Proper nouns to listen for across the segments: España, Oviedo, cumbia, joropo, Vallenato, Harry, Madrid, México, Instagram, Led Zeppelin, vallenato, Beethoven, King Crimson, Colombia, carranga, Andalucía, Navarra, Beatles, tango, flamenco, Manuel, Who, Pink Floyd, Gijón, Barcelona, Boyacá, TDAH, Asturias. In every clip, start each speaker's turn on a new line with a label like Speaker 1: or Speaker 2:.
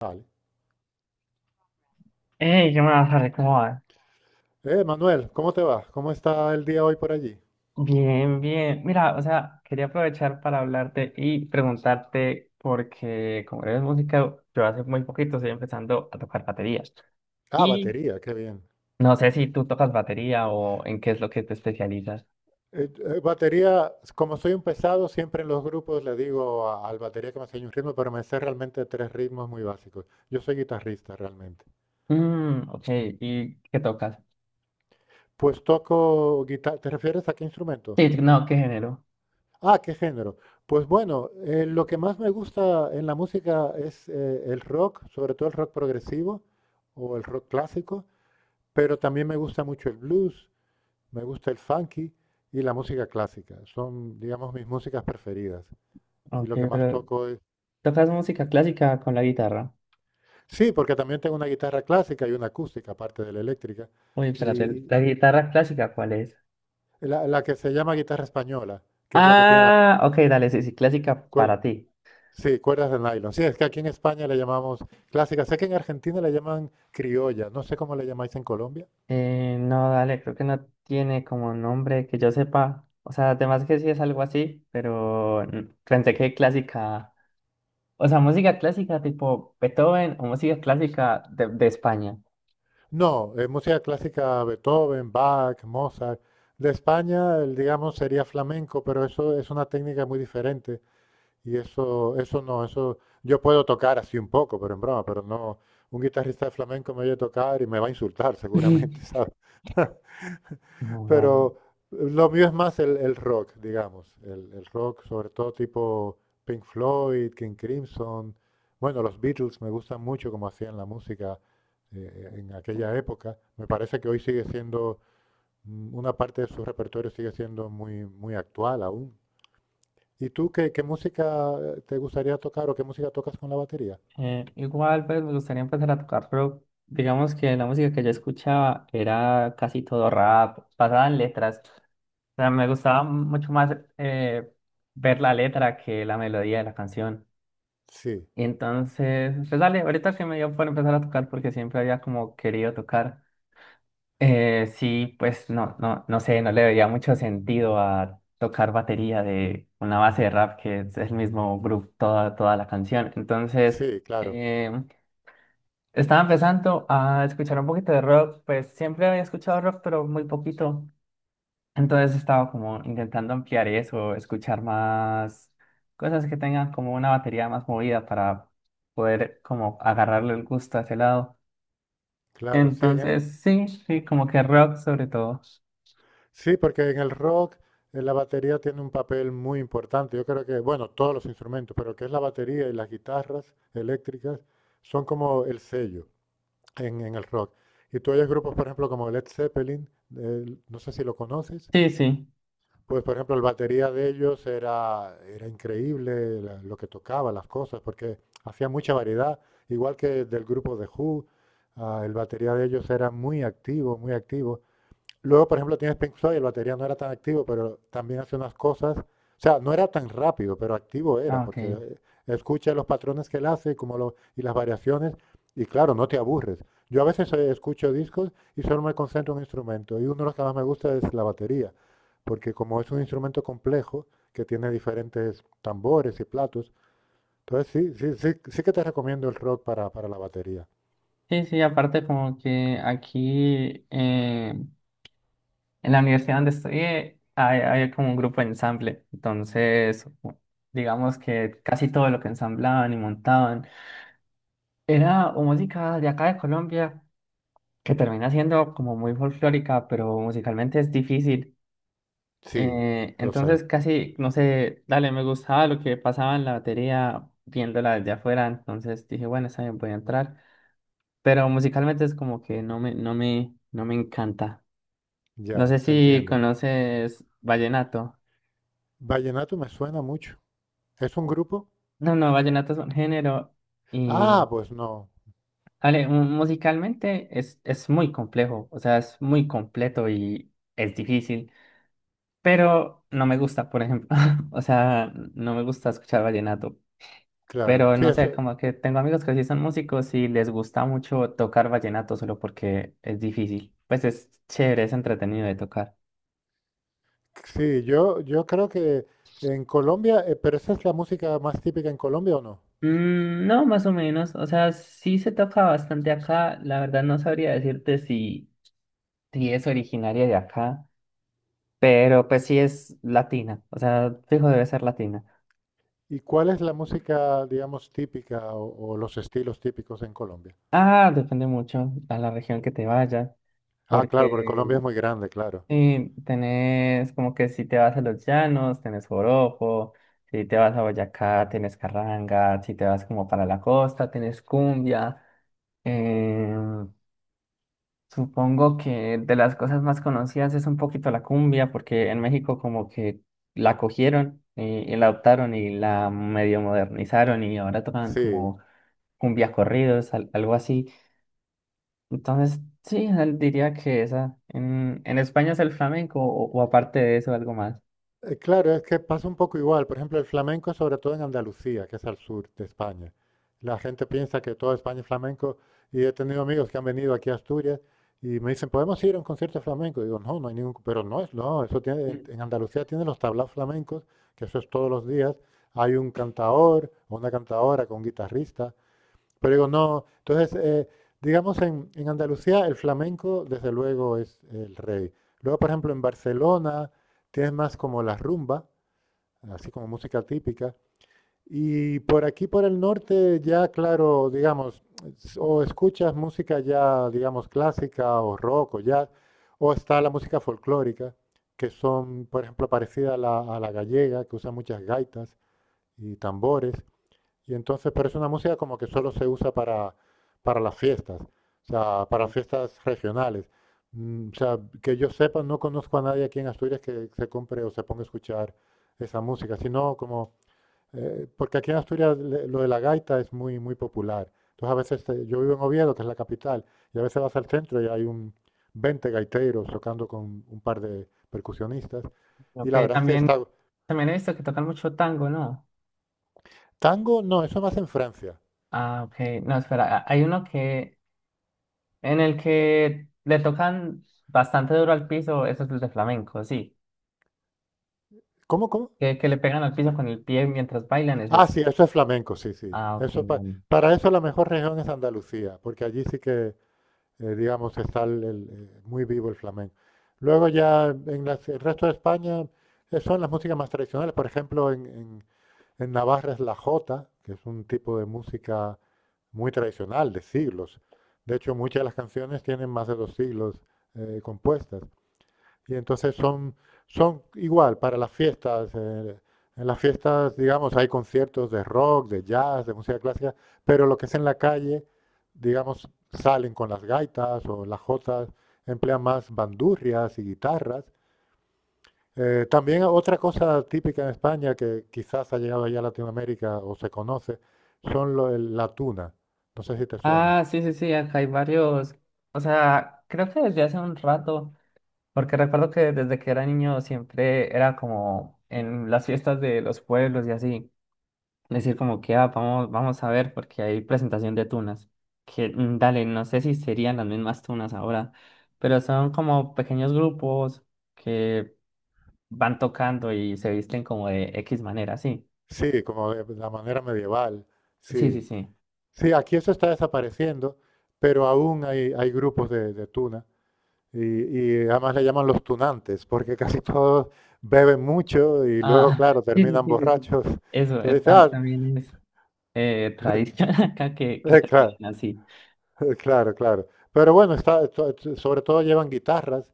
Speaker 1: Vale.
Speaker 2: Hey, ¿qué más, Harry? ¿Cómo vas?
Speaker 1: Manuel, ¿cómo te va? ¿Cómo está el día hoy por allí?
Speaker 2: Bien, bien. Mira, o sea, quería aprovechar para hablarte y preguntarte, porque como eres música, yo hace muy poquito estoy empezando a tocar baterías.
Speaker 1: Ah,
Speaker 2: Y
Speaker 1: batería, qué bien.
Speaker 2: no sé si tú tocas batería o en qué es lo que te especializas.
Speaker 1: Eh, Batería, como soy un pesado, siempre en los grupos le digo al batería que me enseñe un ritmo, pero me sé realmente tres ritmos muy básicos. Yo soy guitarrista realmente.
Speaker 2: Ok, ¿y qué tocas?
Speaker 1: Pues toco guitarra. ¿Te refieres a qué instrumento?
Speaker 2: Sí, no, ¿qué género?
Speaker 1: Ah, ¿qué género? Pues bueno, lo que más me gusta en la música es el rock, sobre todo el rock progresivo o el rock clásico, pero también me gusta mucho el blues. Me gusta el funky y la música clásica. Son, digamos, mis músicas preferidas. Y
Speaker 2: Ok,
Speaker 1: lo que más
Speaker 2: pero
Speaker 1: toco es...
Speaker 2: ¿tocas música clásica con la guitarra?
Speaker 1: Sí, porque también tengo una guitarra clásica y una acústica, aparte de la eléctrica.
Speaker 2: Uy, espérate,
Speaker 1: Y
Speaker 2: ¿la guitarra clásica cuál es?
Speaker 1: y la que se llama guitarra española, que es la que tiene las
Speaker 2: Ah, ok, dale, sí, sí, clásica
Speaker 1: cuerdas.
Speaker 2: para ti.
Speaker 1: Sí, cuerdas de nylon. Sí, es que aquí en España le llamamos clásica. Sé que en Argentina le llaman criolla. No sé cómo le llamáis en Colombia.
Speaker 2: No, dale, creo que no tiene como nombre que yo sepa. O sea, además que sí es algo así, pero pensé que clásica, o sea, música clásica tipo Beethoven o música clásica de España.
Speaker 1: No, música clásica Beethoven, Bach, Mozart. De España, el, digamos, sería flamenco, pero eso es una técnica muy diferente. Y eso no, eso yo puedo tocar así un poco, pero en broma, pero no, un guitarrista de flamenco me oye tocar y me va a insultar seguramente, ¿sabes?
Speaker 2: No, dale.
Speaker 1: Pero lo mío es más el rock, digamos, el rock sobre todo tipo Pink Floyd, King Crimson, bueno, los Beatles me gustan mucho como hacían la música en aquella época. Me parece que hoy sigue siendo, una parte de su repertorio sigue siendo muy, muy actual aún. ¿Y tú qué, qué música te gustaría tocar o qué música tocas con la batería?
Speaker 2: Igual, pues me gustaría empezar a tocar, pero digamos que la música que yo escuchaba era casi todo rap, basada en letras. O sea, me gustaba mucho más ver la letra que la melodía de la canción.
Speaker 1: Sí,
Speaker 2: Y entonces, pues dale, ahorita que me dio por empezar a tocar porque siempre había como querido tocar. Sí, pues no, no, no sé, no le veía mucho sentido a tocar batería de una base de rap que es el mismo groove toda, toda la canción. Entonces,
Speaker 1: sí, claro,
Speaker 2: eh, estaba empezando a escuchar un poquito de rock, pues siempre había escuchado rock, pero muy poquito. Entonces estaba como intentando ampliar eso, escuchar más cosas que tengan como una batería más movida para poder como agarrarle el gusto a ese lado.
Speaker 1: claro, sí,
Speaker 2: Entonces, sí, sí, como que rock sobre todo.
Speaker 1: sí, porque en el rock la batería tiene un papel muy importante. Yo creo que, bueno, todos los instrumentos, pero que es la batería y las guitarras eléctricas son como el sello en el rock. Y tú oyes grupos, por ejemplo, como Led Zeppelin, no sé si lo conoces.
Speaker 2: Sí, sí.
Speaker 1: Pues, por ejemplo, el batería de ellos era, era increíble lo que tocaba, las cosas, porque hacía mucha variedad, igual que del grupo de Who, ah, el batería de ellos era muy activo, muy activo. Luego, por ejemplo, tienes Pink Floyd, el batería no era tan activo, pero también hace unas cosas. O sea, no era tan rápido, pero activo era,
Speaker 2: Ah, ok.
Speaker 1: porque escucha los patrones que él hace y las variaciones, y claro, no te aburres. Yo a veces escucho discos y solo me concentro en un instrumento, y uno de los que más me gusta es la batería, porque como es un instrumento complejo, que tiene diferentes tambores y platos, entonces sí, sí, sí, sí que te recomiendo el rock para la batería.
Speaker 2: Sí, sí, aparte como que aquí en la universidad donde estudié hay como un grupo de ensamble. Entonces, digamos que casi todo lo que ensamblaban y montaban era o música de acá de Colombia que termina siendo como muy folclórica, pero musicalmente es difícil.
Speaker 1: Sí, lo sé,
Speaker 2: Entonces casi, no sé, dale, me gustaba lo que pasaba en la batería viéndola desde afuera, entonces dije, bueno, está bien, voy a entrar, pero musicalmente es como que no me, no me, no me encanta. No sé
Speaker 1: ya, te
Speaker 2: si
Speaker 1: entiendo.
Speaker 2: conoces vallenato.
Speaker 1: Vallenato me suena mucho. ¿Es un
Speaker 2: o-
Speaker 1: grupo?
Speaker 2: No, no, vallenato es un género
Speaker 1: Ah,
Speaker 2: y,
Speaker 1: pues no,
Speaker 2: dale, musicalmente es muy complejo, o sea, es muy completo y es difícil. Pero no me gusta, por ejemplo. O sea, no me gusta escuchar vallenato.
Speaker 1: claro.
Speaker 2: Pero
Speaker 1: Sí,
Speaker 2: no
Speaker 1: eso,
Speaker 2: sé, como que tengo amigos que sí son músicos y les gusta mucho tocar vallenato solo porque es difícil. Pues es chévere, es entretenido de tocar.
Speaker 1: sí, yo creo que en Colombia, ¿pero esa es la música más típica en Colombia o no?
Speaker 2: No, más o menos. O sea, sí se toca bastante acá. La verdad no sabría decirte si es originaria de acá, pero pues sí es latina. O sea, fijo debe ser latina.
Speaker 1: ¿Y cuál es la música, digamos, típica o los estilos típicos en Colombia?
Speaker 2: Ah, depende mucho a la región que te vaya,
Speaker 1: Ah, claro, porque Colombia
Speaker 2: porque
Speaker 1: es muy grande, claro.
Speaker 2: sí, tenés como que si te vas a los llanos, tenés joropo, si te vas a Boyacá, tenés carranga, si te vas como para la costa, tenés cumbia. Eh, supongo que de las cosas más conocidas es un poquito la cumbia, porque en México como que la cogieron y la adoptaron y la medio modernizaron y ahora tocan
Speaker 1: Sí.
Speaker 2: como cumbia corridos, algo así. Entonces, sí, diría que esa. En España es el flamenco o aparte de eso algo más.
Speaker 1: Claro, es que pasa un poco igual. Por ejemplo, el flamenco, sobre todo en Andalucía, que es al sur de España. La gente piensa que toda España es flamenco y he tenido amigos que han venido aquí a Asturias y me dicen, ¿podemos ir a un concierto de flamenco? Y digo, no, no hay ningún... Pero no es, no, eso tiene,
Speaker 2: Ok,
Speaker 1: en Andalucía tiene los tablaos flamencos, que eso es todos los días. Hay un cantaor o una cantaora con un guitarrista, pero digo, no. Entonces, digamos, en Andalucía el flamenco, desde luego, es el rey. Luego, por ejemplo, en Barcelona tienes más como la rumba, así como música típica. Y por aquí, por el norte, ya, claro, digamos, o escuchas música ya, digamos, clásica o rock o jazz, o está la música folclórica, que son, por ejemplo, parecida a a la gallega, que usa muchas gaitas y tambores. Y entonces, pero es una música como que solo se usa para las fiestas, o sea, para fiestas regionales. O sea, que yo sepa, no conozco a nadie aquí en Asturias que se compre o se ponga a escuchar esa música, sino como, porque aquí en Asturias lo de la gaita es muy, muy popular. Entonces a veces, yo vivo en Oviedo, que es la capital, y a veces vas al centro y hay un 20 gaiteros tocando con un par de percusionistas, y
Speaker 2: ok,
Speaker 1: la verdad es que
Speaker 2: también,
Speaker 1: está...
Speaker 2: también he visto que tocan mucho tango, ¿no?
Speaker 1: Tango, no, eso más en Francia.
Speaker 2: Ah, ok, no, espera, ah, hay uno que, en el que le tocan bastante duro al piso, eso es el de flamenco, sí,
Speaker 1: ¿Cómo, cómo?
Speaker 2: que le pegan al piso con el pie mientras bailan, ese
Speaker 1: Ah,
Speaker 2: es,
Speaker 1: sí, eso es flamenco, sí, sí.
Speaker 2: ah, ok, vale.
Speaker 1: Para eso la mejor región es Andalucía, porque allí sí que, digamos, está el, muy vivo el flamenco. Luego ya en el resto de España son las músicas más tradicionales. Por ejemplo, en Navarra es la jota, que es un tipo de música muy tradicional, de siglos. De hecho, muchas de las canciones tienen más de dos siglos compuestas. Y entonces son, son igual para las fiestas. En las fiestas, digamos, hay conciertos de rock, de jazz, de música clásica, pero lo que es en la calle, digamos, salen con las gaitas o las jotas, emplean más bandurrias y guitarras. También otra cosa típica en España que quizás ha llegado allá a Latinoamérica o se conoce, son la tuna. No sé si te suena.
Speaker 2: Ah, sí, sí, sí, acá hay varios, o sea, creo que desde hace un rato, porque recuerdo que desde que era niño siempre era como en las fiestas de los pueblos y así. Decir como que, ah, vamos, vamos a ver porque hay presentación de tunas. Que, mm, dale, no sé si serían las mismas tunas ahora, pero son como pequeños grupos que van tocando y se visten como de X manera, sí.
Speaker 1: Sí, como de la manera medieval.
Speaker 2: Sí, sí,
Speaker 1: Sí.
Speaker 2: sí.
Speaker 1: Sí, aquí eso está desapareciendo, pero aún hay, hay grupos de tuna y además le llaman los tunantes, porque casi todos beben mucho y luego,
Speaker 2: Ah,
Speaker 1: claro,
Speaker 2: sí, sí,
Speaker 1: terminan
Speaker 2: sí, sí. Sí.
Speaker 1: borrachos.
Speaker 2: Eso,
Speaker 1: Entonces,
Speaker 2: tam-
Speaker 1: ah,
Speaker 2: también es tradición acá que
Speaker 1: claro,
Speaker 2: terminan así.
Speaker 1: claro, claro. Pero bueno, está, sobre todo llevan guitarras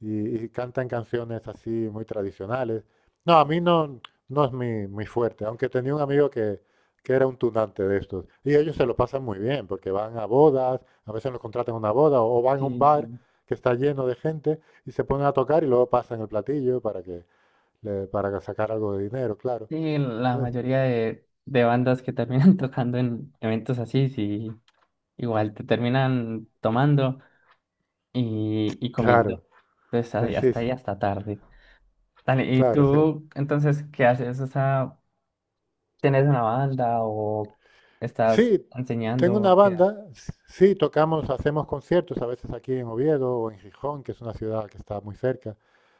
Speaker 1: y cantan canciones así muy tradicionales. No, a mí no, no es mi fuerte, aunque tenía un amigo que era un tunante de estos. Y ellos se lo pasan muy bien, porque van a bodas, a veces los contratan a una boda, o van a un
Speaker 2: Sí,
Speaker 1: bar
Speaker 2: sí.
Speaker 1: que está lleno de gente y se ponen a tocar y luego pasan el platillo para que para sacar algo de dinero, claro.
Speaker 2: Sí, la
Speaker 1: Eh,
Speaker 2: mayoría de bandas que terminan tocando en eventos así, sí, igual te terminan tomando. Y, y comiendo.
Speaker 1: Claro,
Speaker 2: Entonces
Speaker 1: sí, sí,
Speaker 2: ahí hasta tarde. Dale, ¿y
Speaker 1: claro, sí.
Speaker 2: tú entonces qué haces? O sea, ¿tienes una banda o estás
Speaker 1: Sí, tengo una
Speaker 2: enseñando? ¿Qué haces?
Speaker 1: banda, sí, tocamos, hacemos conciertos, a veces aquí en Oviedo o en Gijón, que es una ciudad que está muy cerca.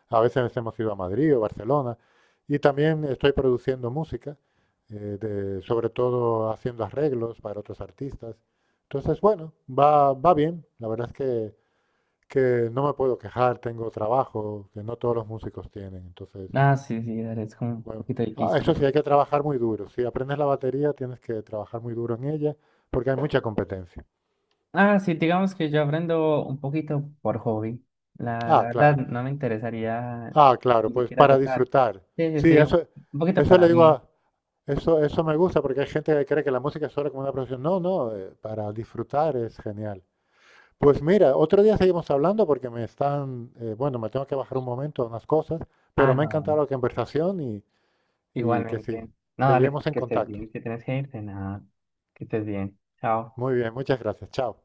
Speaker 1: A veces hemos ido a Madrid o Barcelona. Y también estoy produciendo música, sobre todo haciendo arreglos para otros artistas. Entonces, bueno, va, va bien. La verdad es que no me puedo quejar, tengo trabajo que no todos los músicos tienen. Entonces,
Speaker 2: Ah, sí, sí, dale, es como un
Speaker 1: bueno,
Speaker 2: poquito
Speaker 1: ah,
Speaker 2: difícil.
Speaker 1: eso
Speaker 2: ¿No?
Speaker 1: sí, hay que trabajar muy duro. Si aprendes la batería, tienes que trabajar muy duro en ella porque hay mucha competencia.
Speaker 2: Ah, sí, digamos que yo aprendo un poquito por hobby.
Speaker 1: Ah,
Speaker 2: La verdad,
Speaker 1: claro.
Speaker 2: no me interesaría
Speaker 1: Ah, claro,
Speaker 2: ni
Speaker 1: pues
Speaker 2: siquiera
Speaker 1: para
Speaker 2: tocar.
Speaker 1: disfrutar.
Speaker 2: Sí, sí,
Speaker 1: Sí,
Speaker 2: sí,
Speaker 1: eso,
Speaker 2: un poquito
Speaker 1: eso
Speaker 2: para
Speaker 1: le digo
Speaker 2: mí.
Speaker 1: a, eso, eso me gusta porque hay gente que cree que la música es solo como una profesión. No, no, para disfrutar es genial. Pues mira, otro día seguimos hablando porque me están, bueno, me tengo que bajar un momento a unas cosas,
Speaker 2: Ah,
Speaker 1: pero me ha
Speaker 2: no,
Speaker 1: encantado
Speaker 2: dale,
Speaker 1: la conversación y que sí,
Speaker 2: igualmente. No, dale,
Speaker 1: seguimos en
Speaker 2: que estés
Speaker 1: contacto.
Speaker 2: bien, que tienes que irte, nada, que estés bien. Chao.
Speaker 1: Muy bien, muchas gracias. Chao.